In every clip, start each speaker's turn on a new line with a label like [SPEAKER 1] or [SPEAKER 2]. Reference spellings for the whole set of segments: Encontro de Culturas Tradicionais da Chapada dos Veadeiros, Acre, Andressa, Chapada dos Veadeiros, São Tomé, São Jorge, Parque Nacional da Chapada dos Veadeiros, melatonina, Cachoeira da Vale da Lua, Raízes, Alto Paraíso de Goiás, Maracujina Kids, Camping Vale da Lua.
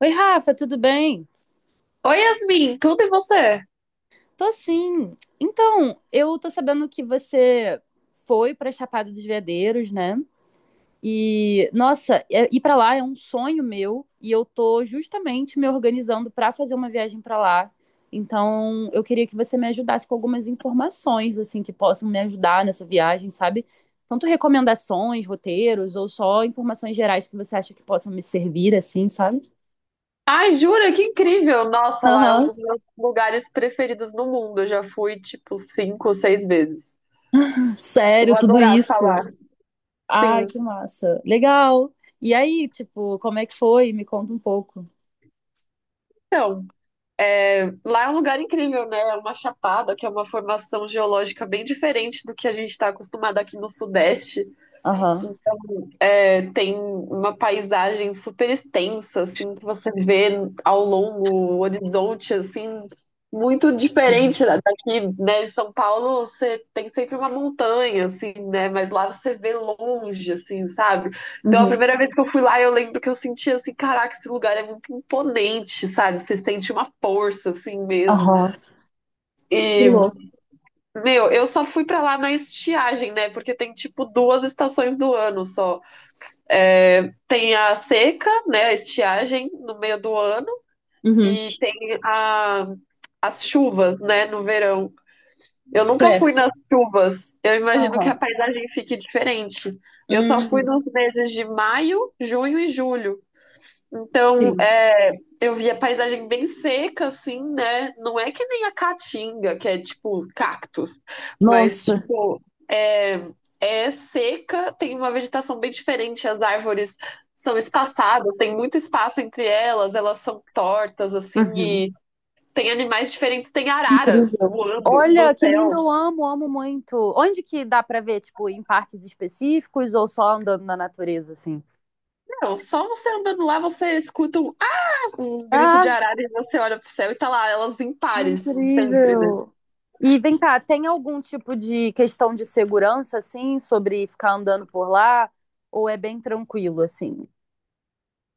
[SPEAKER 1] Oi, Rafa, tudo bem?
[SPEAKER 2] Oi, Yasmin, tudo e você?
[SPEAKER 1] Tô sim. Então, eu tô sabendo que você foi pra Chapada dos Veadeiros, né? E, nossa, ir pra lá é um sonho meu e eu tô justamente me organizando pra fazer uma viagem pra lá. Então, eu queria que você me ajudasse com algumas informações, assim, que possam me ajudar nessa viagem, sabe? Tanto recomendações, roteiros ou só informações gerais que você acha que possam me servir, assim, sabe?
[SPEAKER 2] Ai, jura, que incrível! Nossa, lá é um
[SPEAKER 1] Aham,
[SPEAKER 2] dos meus lugares preferidos no mundo. Eu já fui, tipo, cinco, seis vezes. Eu
[SPEAKER 1] sério,
[SPEAKER 2] vou
[SPEAKER 1] tudo
[SPEAKER 2] adorar estar
[SPEAKER 1] isso.
[SPEAKER 2] lá.
[SPEAKER 1] Ai,
[SPEAKER 2] Sim.
[SPEAKER 1] que massa. Legal. E aí, tipo, como é que foi? Me conta um pouco.
[SPEAKER 2] Então, lá é um lugar incrível, né? É uma chapada, que é uma formação geológica bem diferente do que a gente está acostumado aqui no Sudeste.
[SPEAKER 1] Aham.
[SPEAKER 2] É, tem uma paisagem super extensa, assim, que você vê ao longo, o horizonte, assim, muito
[SPEAKER 1] Uhum.
[SPEAKER 2] diferente daqui, né? Em São Paulo você tem sempre uma montanha, assim, né? Mas lá você vê longe, assim, sabe? Então a
[SPEAKER 1] Uhum.
[SPEAKER 2] primeira vez que eu fui lá, eu lembro que eu senti assim, caraca, esse lugar é muito imponente, sabe? Você sente uma força, assim mesmo.
[SPEAKER 1] Aham. Que
[SPEAKER 2] E,
[SPEAKER 1] louco.
[SPEAKER 2] meu, eu só fui pra lá na estiagem, né? Porque tem tipo duas estações do ano só. É, tem a seca, né, a estiagem no meio do ano
[SPEAKER 1] Uhum.
[SPEAKER 2] e tem a, as chuvas, né, no verão. Eu nunca fui
[SPEAKER 1] Certo.
[SPEAKER 2] nas chuvas. Eu imagino que a
[SPEAKER 1] Aham.
[SPEAKER 2] paisagem fique diferente. Eu só fui
[SPEAKER 1] Hum,
[SPEAKER 2] nos meses de maio, junho e julho. Então,
[SPEAKER 1] sim.
[SPEAKER 2] eu vi a paisagem bem seca, assim, né? Não é que nem a caatinga, que é tipo cactos, mas
[SPEAKER 1] Nossa.
[SPEAKER 2] tipo, é, é seca, tem uma vegetação bem diferente, as árvores são espaçadas, tem muito espaço entre elas, elas são tortas, assim,
[SPEAKER 1] Uhum.
[SPEAKER 2] e tem animais diferentes, tem araras
[SPEAKER 1] Incrível.
[SPEAKER 2] voando no
[SPEAKER 1] Olha, que lindo,
[SPEAKER 2] céu.
[SPEAKER 1] eu amo, amo muito. Onde que dá pra ver, tipo, em parques específicos ou só andando na natureza, assim?
[SPEAKER 2] Não, só você andando lá, você escuta um grito de
[SPEAKER 1] Ah,
[SPEAKER 2] arara e você olha pro céu e tá lá, elas em pares, sempre, né?
[SPEAKER 1] incrível. E vem cá, tem algum tipo de questão de segurança, assim, sobre ficar andando por lá? Ou é bem tranquilo, assim?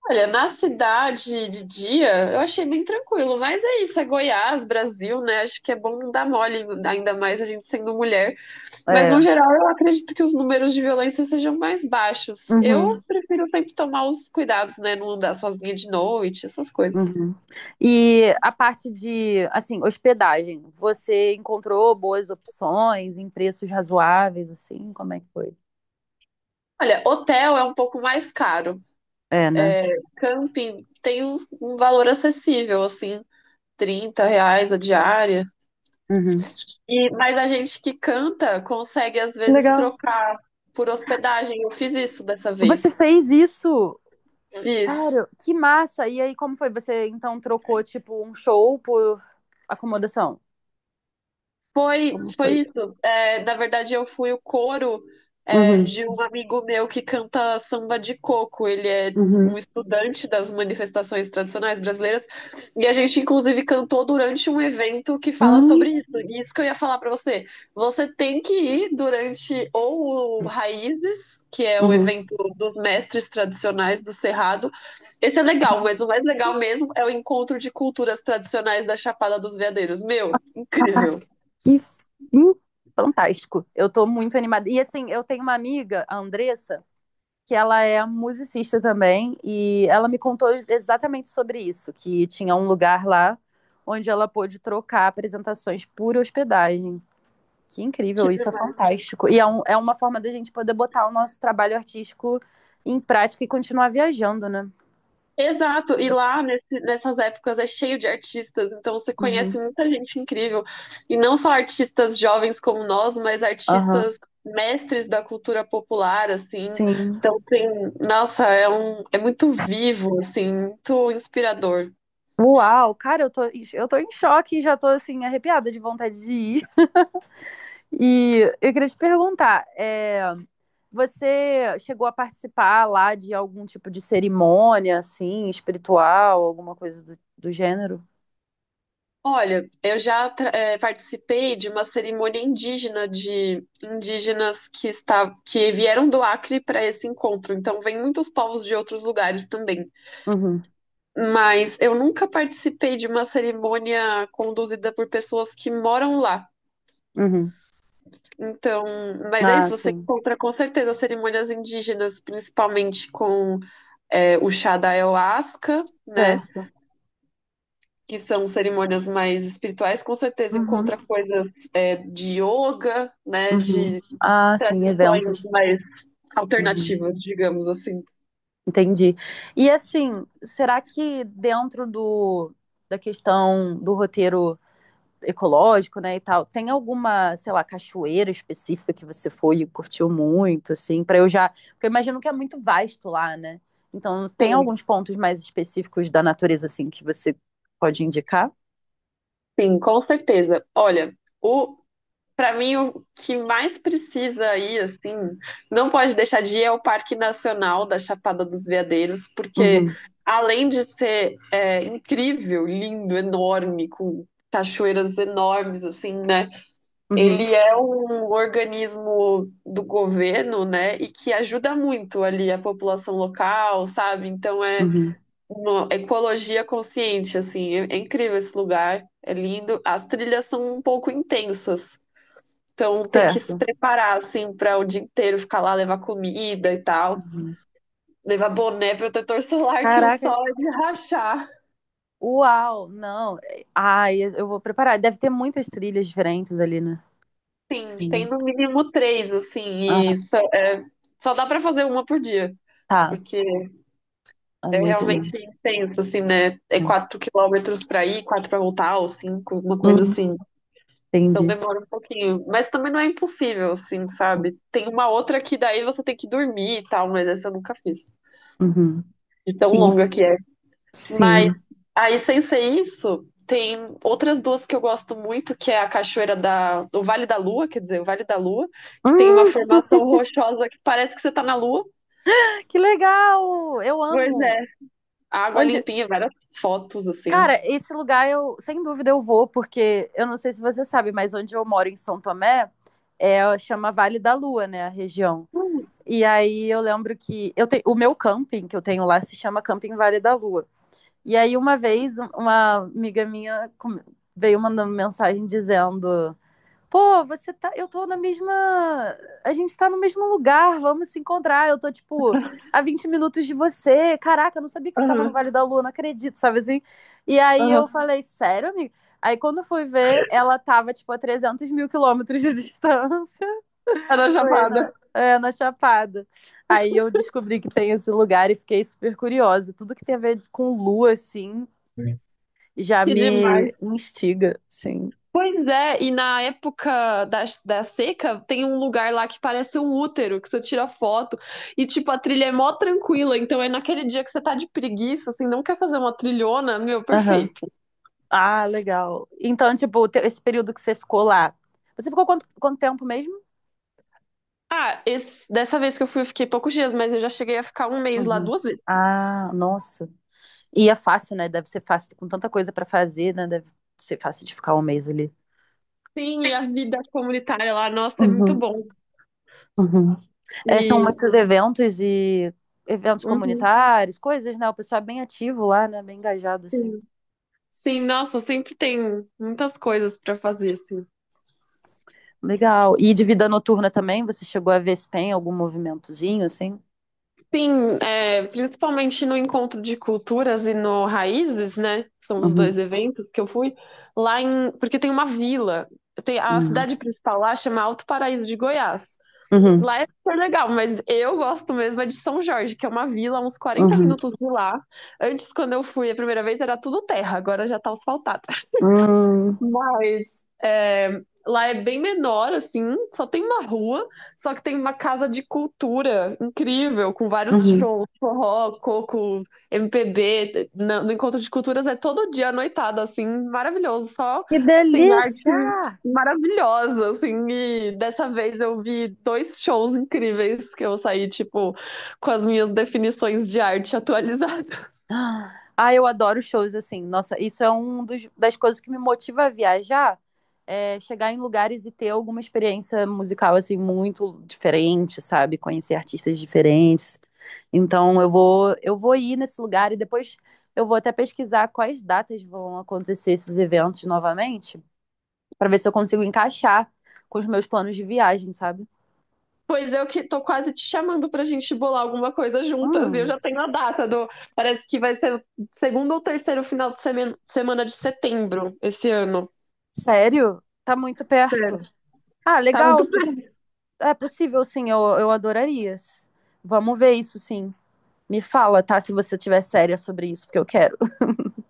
[SPEAKER 2] Olha, na cidade de dia, eu achei bem tranquilo, mas é isso, é Goiás, Brasil, né? Acho que é bom não dar mole, ainda mais a gente sendo mulher. Mas no
[SPEAKER 1] É.
[SPEAKER 2] geral, eu acredito que os números de violência sejam mais baixos. Eu
[SPEAKER 1] Uhum,
[SPEAKER 2] prefiro sempre tomar os cuidados, né? Não andar sozinha de noite, essas coisas.
[SPEAKER 1] uhum. E a parte de, assim, hospedagem, você encontrou boas opções em preços razoáveis, assim? Como é que foi?
[SPEAKER 2] Olha, hotel é um pouco mais caro.
[SPEAKER 1] É, né?
[SPEAKER 2] Camping tem um valor acessível, assim, R$ 30 a diária.
[SPEAKER 1] Uhum.
[SPEAKER 2] E, mas a gente que canta consegue às vezes
[SPEAKER 1] Legal.
[SPEAKER 2] trocar por hospedagem. Eu fiz isso dessa
[SPEAKER 1] Você
[SPEAKER 2] vez.
[SPEAKER 1] fez isso?
[SPEAKER 2] Fiz.
[SPEAKER 1] Sério? Que massa! E aí, como foi? Você então trocou, tipo, um show por acomodação?
[SPEAKER 2] Foi,
[SPEAKER 1] Como
[SPEAKER 2] foi
[SPEAKER 1] foi?
[SPEAKER 2] isso. Na verdade, eu fui o coro,
[SPEAKER 1] Uhum.
[SPEAKER 2] de um amigo meu que canta samba de coco. Ele é um
[SPEAKER 1] Uhum.
[SPEAKER 2] estudante das manifestações tradicionais brasileiras. E a gente, inclusive, cantou durante um evento que fala
[SPEAKER 1] Hum,
[SPEAKER 2] sobre isso. E isso que eu ia falar para você. Você tem que ir durante ou o Raízes, que é o
[SPEAKER 1] uhum.
[SPEAKER 2] evento dos mestres tradicionais do Cerrado. Esse é legal, mas o mais legal mesmo é o encontro de culturas tradicionais da Chapada dos Veadeiros. Meu,
[SPEAKER 1] Ah,
[SPEAKER 2] incrível.
[SPEAKER 1] que fim fantástico. Eu tô muito animada. E assim, eu tenho uma amiga, a Andressa, que ela é musicista também, e ela me contou exatamente sobre isso, que tinha um lugar lá onde ela pôde trocar apresentações por hospedagem. Que
[SPEAKER 2] Que
[SPEAKER 1] incrível, isso é
[SPEAKER 2] demais.
[SPEAKER 1] fantástico. E é, é uma forma da gente poder botar o nosso trabalho artístico em prática e continuar viajando, né?
[SPEAKER 2] Exato, e lá nessas épocas é cheio de artistas, então você
[SPEAKER 1] Uhum.
[SPEAKER 2] conhece muita gente incrível. E não só artistas jovens como nós, mas
[SPEAKER 1] Aham.
[SPEAKER 2] artistas mestres da cultura popular, assim.
[SPEAKER 1] Sim.
[SPEAKER 2] Então tem, nossa, é muito vivo, assim, muito inspirador.
[SPEAKER 1] Uau, cara, eu tô em choque e já tô assim, arrepiada de vontade de ir. E eu queria te perguntar, você chegou a participar lá de algum tipo de cerimônia, assim, espiritual, alguma coisa do gênero?
[SPEAKER 2] Olha, eu já participei de uma cerimônia indígena de indígenas que está, que vieram do Acre para esse encontro. Então, vem muitos povos de outros lugares também.
[SPEAKER 1] Uhum,
[SPEAKER 2] Mas eu nunca participei de uma cerimônia conduzida por pessoas que moram lá.
[SPEAKER 1] uhum.
[SPEAKER 2] Então, mas é
[SPEAKER 1] Ah,
[SPEAKER 2] isso, você
[SPEAKER 1] sim,
[SPEAKER 2] encontra com certeza cerimônias indígenas, principalmente com o chá da ayahuasca, né?
[SPEAKER 1] certo.
[SPEAKER 2] Que são cerimônias mais espirituais, com certeza
[SPEAKER 1] Uhum,
[SPEAKER 2] encontra coisas de yoga, né?
[SPEAKER 1] uhum.
[SPEAKER 2] De
[SPEAKER 1] Ah, sim,
[SPEAKER 2] tradições
[SPEAKER 1] eventos.
[SPEAKER 2] mais
[SPEAKER 1] Uhum,
[SPEAKER 2] alternativas, digamos assim.
[SPEAKER 1] entendi. E assim, será que dentro do, da questão do roteiro ecológico, né, e tal. Tem alguma, sei lá, cachoeira específica que você foi e curtiu muito, assim, para eu já, porque eu imagino que é muito vasto lá, né? Então, tem
[SPEAKER 2] Sim,
[SPEAKER 1] alguns pontos mais específicos da natureza assim que você pode indicar?
[SPEAKER 2] sim, com certeza. Olha, o pra mim, o que mais precisa ir, assim, não pode deixar de ir é o Parque Nacional da Chapada dos Veadeiros, porque
[SPEAKER 1] Uhum.
[SPEAKER 2] além de ser incrível, lindo, enorme, com cachoeiras enormes, assim, né?
[SPEAKER 1] Uhum.
[SPEAKER 2] Ele é um organismo do governo, né? E que ajuda muito ali a população local, sabe? Então é
[SPEAKER 1] Uhum.
[SPEAKER 2] uma ecologia consciente, assim, é incrível esse lugar, é lindo. As trilhas são um pouco intensas. Então tem que se
[SPEAKER 1] Certo.
[SPEAKER 2] preparar, assim, para o dia inteiro ficar lá, levar comida e tal.
[SPEAKER 1] Uhum.
[SPEAKER 2] Levar boné, protetor solar, que o
[SPEAKER 1] Caraca.
[SPEAKER 2] sol é de rachar.
[SPEAKER 1] Uau, não. Ai, eu vou preparar. Deve ter muitas trilhas diferentes ali, né?
[SPEAKER 2] Sim, tem
[SPEAKER 1] Sim.
[SPEAKER 2] no mínimo três,
[SPEAKER 1] Ah,
[SPEAKER 2] assim, e só, só dá para fazer uma por dia,
[SPEAKER 1] tá.
[SPEAKER 2] porque
[SPEAKER 1] É
[SPEAKER 2] é
[SPEAKER 1] muito
[SPEAKER 2] realmente
[SPEAKER 1] lindo.
[SPEAKER 2] intenso, assim, né? É 4 quilômetros para ir, 4 para voltar, ou 5, uma coisa
[SPEAKER 1] Hum,
[SPEAKER 2] assim. Então
[SPEAKER 1] entendi.
[SPEAKER 2] demora um pouquinho, mas também não é impossível, assim, sabe? Tem uma outra que daí você tem que dormir e tal, mas essa eu nunca fiz.
[SPEAKER 1] Uhum.
[SPEAKER 2] De tão
[SPEAKER 1] Que in-
[SPEAKER 2] longa que é. Mas
[SPEAKER 1] Sim.
[SPEAKER 2] aí, sem ser isso, tem outras duas que eu gosto muito, que é a Cachoeira do Vale da Lua, quer dizer, o Vale da Lua, que tem uma
[SPEAKER 1] Hum.
[SPEAKER 2] formação rochosa que parece que você tá na Lua.
[SPEAKER 1] Que legal! Eu
[SPEAKER 2] Pois
[SPEAKER 1] amo.
[SPEAKER 2] é, água
[SPEAKER 1] Onde,
[SPEAKER 2] limpinha, várias fotos assim.
[SPEAKER 1] Cara, esse lugar eu, sem dúvida, eu vou, porque eu não sei se você sabe, mas onde eu moro em São Tomé, é, chama Vale da Lua, né, a região.
[SPEAKER 2] Hum.
[SPEAKER 1] E aí eu lembro que o meu camping que eu tenho lá se chama Camping Vale da Lua. E aí uma vez uma amiga minha veio mandando mensagem dizendo pô, você tá. Eu tô na mesma. A gente tá no mesmo lugar, vamos se encontrar. Eu tô, tipo, a 20 minutos de você. Caraca, eu não sabia que você tava no
[SPEAKER 2] Aham,
[SPEAKER 1] Vale da Lua, não acredito, sabe assim? E aí eu
[SPEAKER 2] aham.
[SPEAKER 1] falei, sério, amiga? Aí quando eu fui ver, ela tava, tipo, a 300 mil quilômetros de distância.
[SPEAKER 2] Era
[SPEAKER 1] Falei,
[SPEAKER 2] chapada,
[SPEAKER 1] não, é, na Chapada. Aí eu descobri que tem esse lugar e fiquei super curiosa. Tudo que tem a ver com lua, assim, já
[SPEAKER 2] que
[SPEAKER 1] me
[SPEAKER 2] demais.
[SPEAKER 1] instiga, sim.
[SPEAKER 2] Pois é, e na época da seca, tem um lugar lá que parece um útero, que você tira foto, e tipo, a trilha é mó tranquila, então é naquele dia que você tá de preguiça, assim, não quer fazer uma trilhona, meu,
[SPEAKER 1] Aham.
[SPEAKER 2] perfeito.
[SPEAKER 1] Ah, legal. Então, tipo, o teu- esse período que você ficou lá, você ficou quanto tempo mesmo?
[SPEAKER 2] Ah, esse- dessa vez que eu fui, eu fiquei poucos dias, mas eu já cheguei a ficar um mês lá
[SPEAKER 1] Uhum.
[SPEAKER 2] duas vezes.
[SPEAKER 1] Ah, nossa. E é fácil, né? Deve ser fácil, com tanta coisa pra fazer, né? Deve ser fácil de ficar um mês ali.
[SPEAKER 2] Sim, e a vida comunitária lá, nossa, é muito
[SPEAKER 1] Uhum,
[SPEAKER 2] bom.
[SPEAKER 1] uhum. É, são
[SPEAKER 2] E,
[SPEAKER 1] muitos eventos e eventos
[SPEAKER 2] uhum,
[SPEAKER 1] comunitários, coisas, né? O pessoal é bem ativo lá, né? Bem engajado, assim.
[SPEAKER 2] sim. Sim, nossa, sempre tem muitas coisas para fazer, assim.
[SPEAKER 1] Legal. E de vida noturna também, você chegou a ver se tem algum movimentozinho, assim?
[SPEAKER 2] Sim, é, principalmente no encontro de culturas e no Raízes, né? São os
[SPEAKER 1] Uhum,
[SPEAKER 2] dois eventos que eu fui lá, porque tem uma vila, tem a
[SPEAKER 1] uhum,
[SPEAKER 2] cidade principal lá chama Alto Paraíso de Goiás.
[SPEAKER 1] uhum,
[SPEAKER 2] Lá é super legal, mas eu gosto mesmo é de São Jorge, que é uma vila, uns quarenta
[SPEAKER 1] uhum,
[SPEAKER 2] minutos de lá. Antes, quando eu fui a primeira vez, era tudo terra, agora já tá asfaltado.
[SPEAKER 1] uhum,
[SPEAKER 2] Mas é, lá é bem menor, assim, só tem uma rua, só que tem uma casa de cultura incrível, com vários
[SPEAKER 1] uhum.
[SPEAKER 2] shows, forró, coco, MPB. No Encontro de Culturas é todo dia à noitada, assim, maravilhoso, só
[SPEAKER 1] Que
[SPEAKER 2] assim, arte
[SPEAKER 1] delícia!
[SPEAKER 2] maravilhosa, assim, e dessa vez eu vi dois shows incríveis que eu saí, tipo, com as minhas definições de arte atualizadas.
[SPEAKER 1] Ah, eu adoro shows assim. Nossa, isso é um dos, das coisas que me motiva a viajar, é chegar em lugares e ter alguma experiência musical assim muito diferente, sabe? Conhecer artistas diferentes. Então eu vou ir nesse lugar e depois eu vou até pesquisar quais datas vão acontecer esses eventos novamente, para ver se eu consigo encaixar com os meus planos de viagem, sabe?
[SPEAKER 2] Pois eu que tô quase te chamando pra gente bolar alguma coisa juntas. E eu
[SPEAKER 1] Hum,
[SPEAKER 2] já tenho a data do. Parece que vai ser o segundo ou terceiro final de semana de setembro esse ano.
[SPEAKER 1] sério? Tá muito
[SPEAKER 2] Sério.
[SPEAKER 1] perto. Ah,
[SPEAKER 2] Tá
[SPEAKER 1] legal.
[SPEAKER 2] muito perto.
[SPEAKER 1] É possível, sim, eu adoraria. Vamos ver isso, sim. Me fala, tá? Se você tiver séria sobre isso, porque eu quero.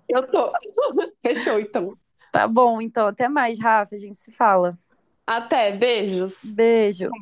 [SPEAKER 2] Eu tô. Fechou, então.
[SPEAKER 1] Tá bom, então, até mais, Rafa. A gente se fala.
[SPEAKER 2] Até, beijos.
[SPEAKER 1] Beijo.